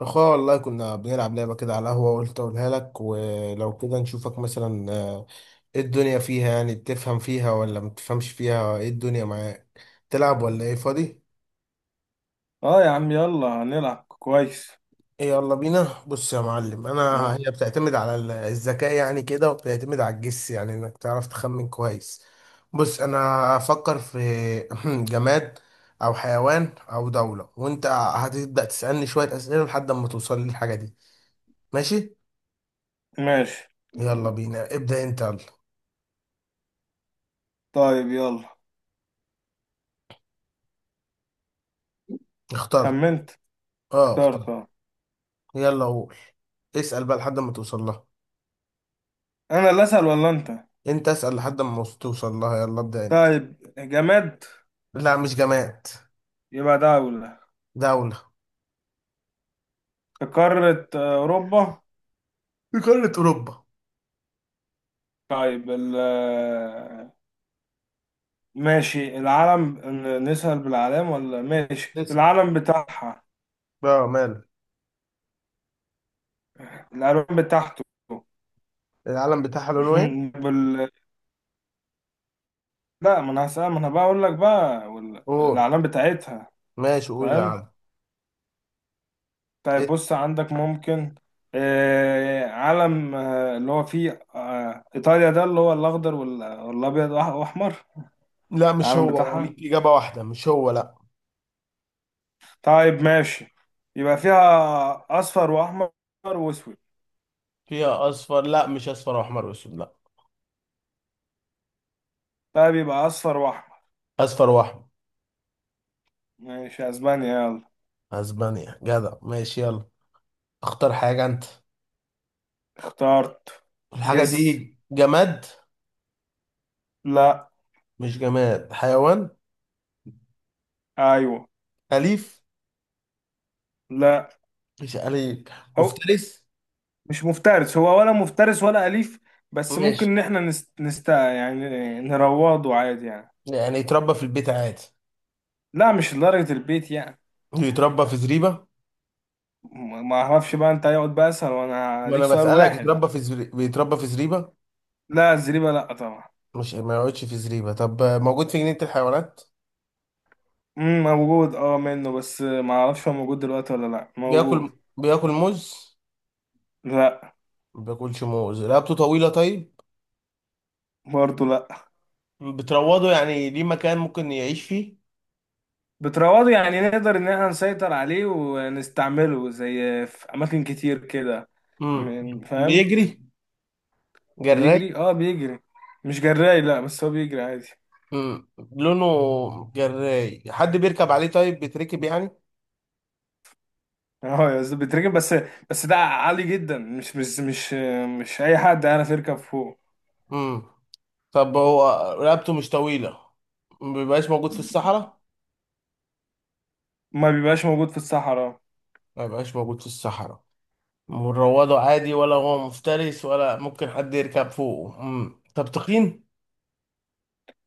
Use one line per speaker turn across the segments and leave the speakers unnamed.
اخويا والله كنا بنلعب لعبة كده على القهوة، وقلت اقولها لك ولو كده نشوفك مثلا. ايه الدنيا فيها؟ يعني بتفهم فيها ولا ما بتفهمش فيها؟ ايه الدنيا معاك، تلعب ولا ايه؟ فاضي؟
اه يا عم، يلا هنلعب كويس.
ايه، يلا بينا. بص يا معلم، انا
يلا.
هي بتعتمد على الذكاء يعني كده، وبتعتمد على الجس يعني انك تعرف تخمن كويس. بص انا هفكر في جماد او حيوان او دولة، وانت هتبدأ تسألني شوية اسئلة لحد ما توصل للحاجة دي. ماشي،
ماشي.
يلا بينا، ابدأ انت يلا.
طيب يلا.
اخترت.
خمنت.
اه
اخترت
اخترت.
اه.
يلا قول، اسأل بقى لحد ما توصل لها.
انا اللي اسأل ولا انت؟
انت اسأل لحد ما توصل لها، يلا ابدأ انت.
طيب، جماد؟
لا مش جماد.
يبقى دولة.
دولة.
في قارة اوروبا.
في قارة أوروبا.
طيب ال ماشي العلم، نسأل بالعلام ولا ماشي
اسأل،
العلم بتاعها؟
اه ماله.
الالوان بتاعته.
العلم بتاعها لونه ايه؟
بال... لا، ما انا هسأل، ما انا بقى اقول لك بقى، وال-
قول،
الاعلام بتاعتها.
ماشي قول
فاهم؟
العلم.
طيب
إيه؟
بص، عندك ممكن علم اللي هو فيه إيطاليا، ده اللي هو الأخضر وال- والأبيض وأح- وأحمر؟
لا مش
العلم
هو،
بتاعها.
وليك إجابة واحدة، مش هو لا.
طيب ماشي، يبقى فيها أصفر وأحمر وأسود.
فيها أصفر، لا مش أصفر وأحمر وأسود، لا.
طيب يبقى أصفر وأحمر.
أصفر وأحمر.
ماشي، أسبانيا يلا.
أسبانيا، جدع، ماشي يلا. اختار حاجة أنت.
اخترت.
الحاجة
جس.
دي جماد؟
لا.
مش جماد، حيوان.
أيوه.
أليف؟
لا،
مش عليك.
هو
مفترس؟
مش مفترس، هو ولا مفترس ولا أليف، بس ممكن
ماشي.
إن إحنا يعني نروضه عادي يعني.
يعني يتربى في البيت عادي؟
لا مش لدرجة البيت يعني.
يتربى في زريبة؟
ما اعرفش بقى، انت هيقعد بقى اسهل، وانا
ما
ليك
انا
سؤال
بسألك،
واحد.
يتربى في بيتربى في زريبة؟
لا الزريبه لا طبعا.
مش ما يقعدش في زريبة؟ طب موجود في جنينة الحيوانات؟
امم، موجود اه منه، بس ما اعرفش هو موجود دلوقتي ولا لا موجود.
بياكل موز؟
لا.
ما بياكلش موز، رقبته طويلة، طيب
برضه لا.
بتروضه يعني، ليه مكان ممكن يعيش فيه؟
بتروضه، يعني نقدر ان احنا نسيطر عليه ونستعمله زي، في اماكن كتير كده.
امم،
فاهم.
بيجري؟ جراي؟
بيجري، اه بيجري. مش جراي لا، بس هو بيجري عادي.
امم، لونه جراي؟ حد بيركب عليه؟ طيب بيتركب يعني؟
اه يا أستاذ بيتركب، بس بس ده عالي جدا، مش مش اي حد يعرف يركب فوق.
امم، طب هو رقبته مش طويلة؟ ما بيبقاش موجود في الصحراء؟
ما بيبقاش موجود في الصحراء.
ما بيبقاش موجود في الصحراء. مروضه عادي، ولا هو مفترس، ولا ممكن حد يركب فوقه؟ طب تخين؟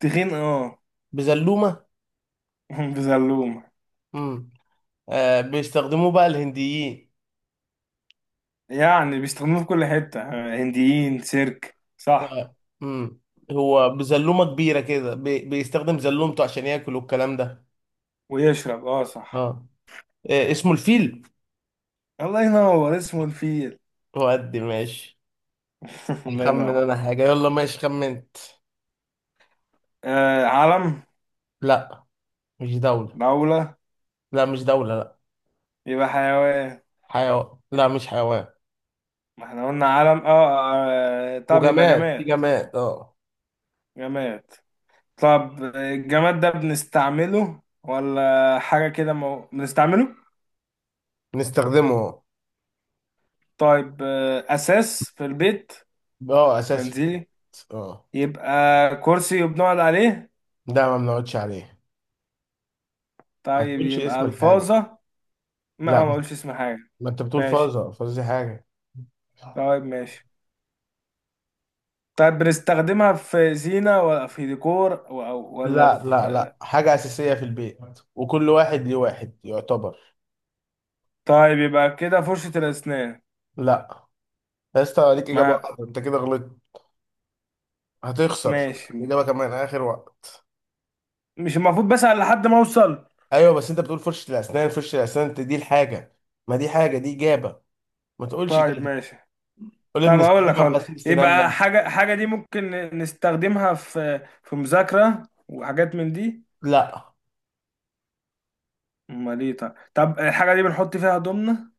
تخين اه.
بزلومة؟
بزلومة.
مم. بيستخدموه بقى الهنديين؟
يعني بيستخدموه في كل حتة. هنديين، سيرك، صح.
آه. مم. هو بزلومة كبيرة كده، بيستخدم زلومته عشان ياكل والكلام ده.
ويشرب، اه
اه،
صح.
اسمه الفيل.
الله ينور، اسمه الفيل.
هو قد ماشي.
الله
خمن
ينور.
انا حاجة، يلا ماشي. خمنت.
آه علم.
لا مش دولة.
دولة.
لا مش دولة لا.
يبقى حيوان.
حيوان؟ لا مش حيوان.
ما احنا قلنا علم اه، طب يبقى
وجماد، في
جماد.
جماد اه.
جماد. طب الجماد ده بنستعمله ولا حاجة كده، بنستعمله.
نستخدمه اه.
طيب، أساس في البيت.
اه، اساس في
منزلي.
البيت. اه.
يبقى كرسي وبنقعد عليه.
ده ما بنقعدش عليه. ما
طيب
تقولش
يبقى
اسم الحاجة.
الفاظة. ما
لا،
اقولش اسم حاجه.
ما انت بتقول
ماشي.
فازة، فازة دي حاجة.
طيب ماشي. طيب بنستخدمها في زينه ولا في ديكور أو ولا
لا لا
في؟
لا، حاجة أساسية في البيت، وكل واحد ليه واحد يعتبر.
طيب يبقى كده فرشه الاسنان.
لا، يا اسطى ليك إجابة
ما
واحدة، أنت كده غلطت. هتخسر.
ماشي.
إجابة كمان آخر وقت.
مش المفروض بسأل لحد ما اوصل؟
أيوه بس أنت بتقول فرشة الأسنان، فرشة الأسنان أنت دي الحاجة، ما دي حاجة دي إجابة، ما تقولش
طيب
كده.
ماشي.
قول
طيب اقول لك،
بنستخدمها في
هقول لك.
غسيل
يبقى
سناننا.
حاجه، حاجه دي ممكن نستخدمها في مذاكره وحاجات من دي.
لا.
امال ايه؟ طيب، طب الحاجه دي بنحط فيها هدومنا.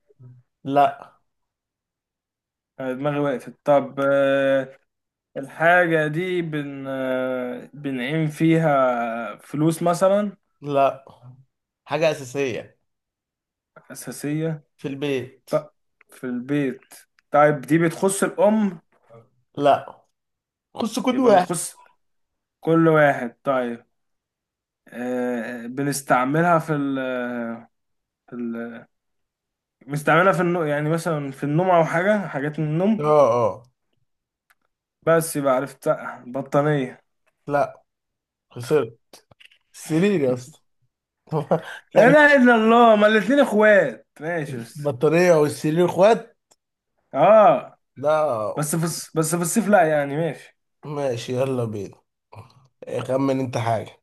لا.
أنا دماغي وقفت. طب الحاجة دي بنعين فيها فلوس مثلا.
لا حاجة أساسية
أساسية.
في البيت.
طب في البيت. طيب دي بتخص الأم.
لا، خش كود
يبقى
واحد.
بتخص كل واحد. طيب، بنستعملها في ال في ال بنستعملها في النوم، يعني مثلا في النوم أو حاجة، حاجات من
اه.
النوم.
اه.
بس يبقى عرفت، بطانية.
لا خسرت، السرير يا اسطى.
لا
يعني
إله إلا الله، ما الاتنين إخوات، ماشي بس،
البطارية والسرير اخوات؟
آه
لا.
بس في بس في الصيف لا، يعني ماشي.
ماشي يلا بينا، خمن انت حاجة.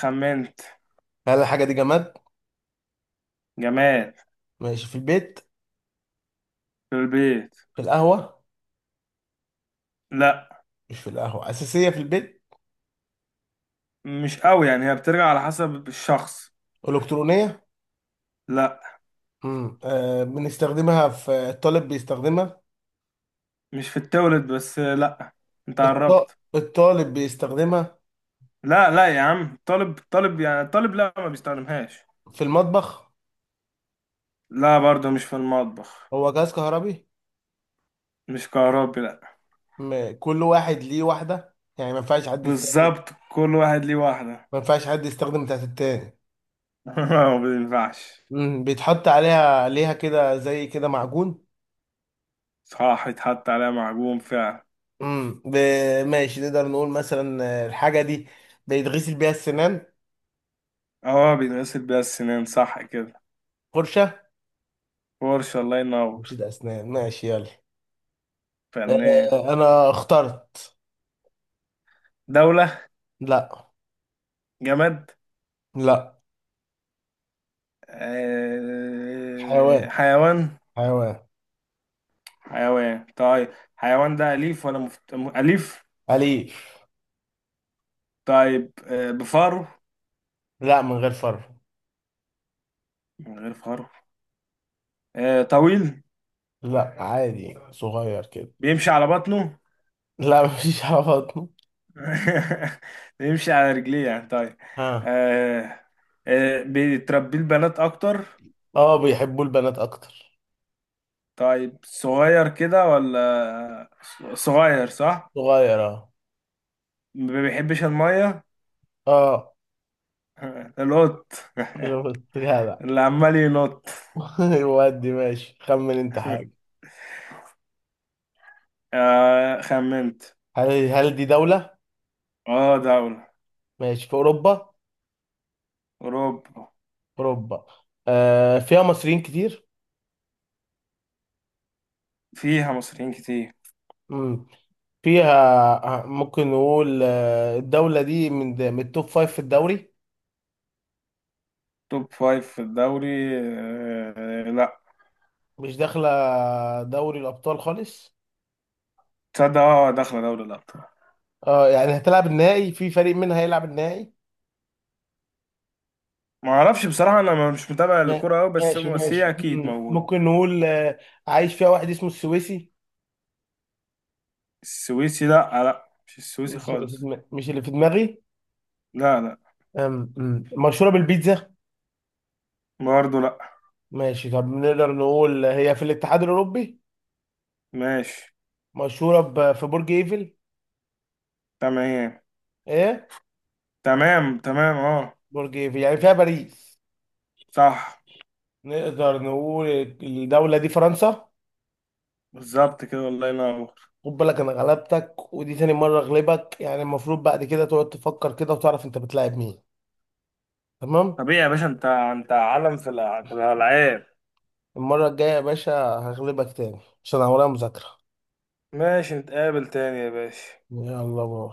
خمنت.
هل الحاجة دي جماد؟
جماد.
ماشي، في البيت؟
في البيت.
في القهوة؟
لا
مش في القهوة، أساسية في البيت.
مش قوي يعني، هي بترجع على حسب الشخص.
إلكترونية؟
لا.
امم، آه بنستخدمها في الطالب، بيستخدمها؟
مش في التولد بس لا، انت قربت.
الطالب بيستخدمها؟
لا لا يا عم، طالب طالب يعني، طالب لا ما بيستخدمهاش.
في المطبخ؟
لا برضه مش في المطبخ.
هو جهاز كهربي؟
مش كهربي لا.
كل واحد ليه واحدة، يعني ما ينفعش حد يستخدم،
بالظبط، كل واحد ليه واحدة.
ما ينفعش حد يستخدم بتاعت التاني.
ما بينفعش.
امم، بيتحط عليها كده زي كده معجون.
صح، يتحط عليها معجون فعلا.
امم، ماشي نقدر نقول مثلا، الحاجة دي بيتغسل بيها السنان.
اه بيتغسل بيها السنان صح كده.
فرشة.
فرشة، الله ينور.
مش ده أسنان، ماشي يلا.
فنان.
أنا اخترت.
دولة.
لا.
جماد.
لا. حيوان.
حيوان.
حيوان
حيوان. طيب حيوان ده أليف ولا أليف؟
أليف.
طيب، بفاره؟
لا، من غير فرو.
من غير فاره. طويل؟
لا، عادي صغير كده.
بيمشي على بطنه؟
لا، مفيش على بطنه.
بيمشي على رجليه يعني طيب.
ها.
آه، بيتربيه البنات أكتر.
اه، بيحبوا البنات أكتر.
طيب صغير كده ولا؟ صغير صح؟
صغير اه.
ما بيحبش المية.
اه.
القط.
شفت جدع.
اللي عمال ينط.
ودي ماشي، خمن انت حاجة.
خمنت.
هل دي دولة؟
اه دولة.
ماشي، في أوروبا؟
أوروبا.
أوروبا. آه، فيها مصريين كتير؟
فيها مصريين كتير.
مم. فيها، ممكن نقول الدولة دي من من التوب فايف في الدوري؟
توب فايف في الدوري لا.
مش داخلة دوري الأبطال خالص؟
تصدق اه، داخله دوري الابطال.
اه، يعني هتلعب النهائي، في فريق منها هيلعب النهائي؟
ما اعرفش بصراحه، انا مش متابع
ما-
الكوره قوي، بس
ماشي
بس هي
ماشي.
اكيد موجود.
ممكن نقول عايش فيها واحد اسمه السويسي؟
السويسي لا، لا مش السويسي
مش اللي في
خالص.
دماغي، مش اللي في دماغي.
لا لا.
أم- مشهورة بالبيتزا؟
برضه لا.
ماشي، طب نقدر نقول هي في الاتحاد الأوروبي،
ماشي.
مشهورة في برج إيفل؟
تمام.
إيه؟
تمام اه.
برج إيفل يعني فيها باريس.
صح.
نقدر نقول الدولة دي فرنسا.
بالظبط كده، الله ينور.
خد بالك، أنا غلبتك، ودي تاني مرة أغلبك، يعني المفروض بعد كده تقعد تفكر كده وتعرف أنت بتلاعب مين. تمام؟
طبيعي يا باشا، انت انت عالم في في الالعاب.
المرة الجاية يا باشا هغلبك تاني، عشان أنا ورايا مذاكرة.
ماشي نتقابل تاني يا باشا.
يلا باي.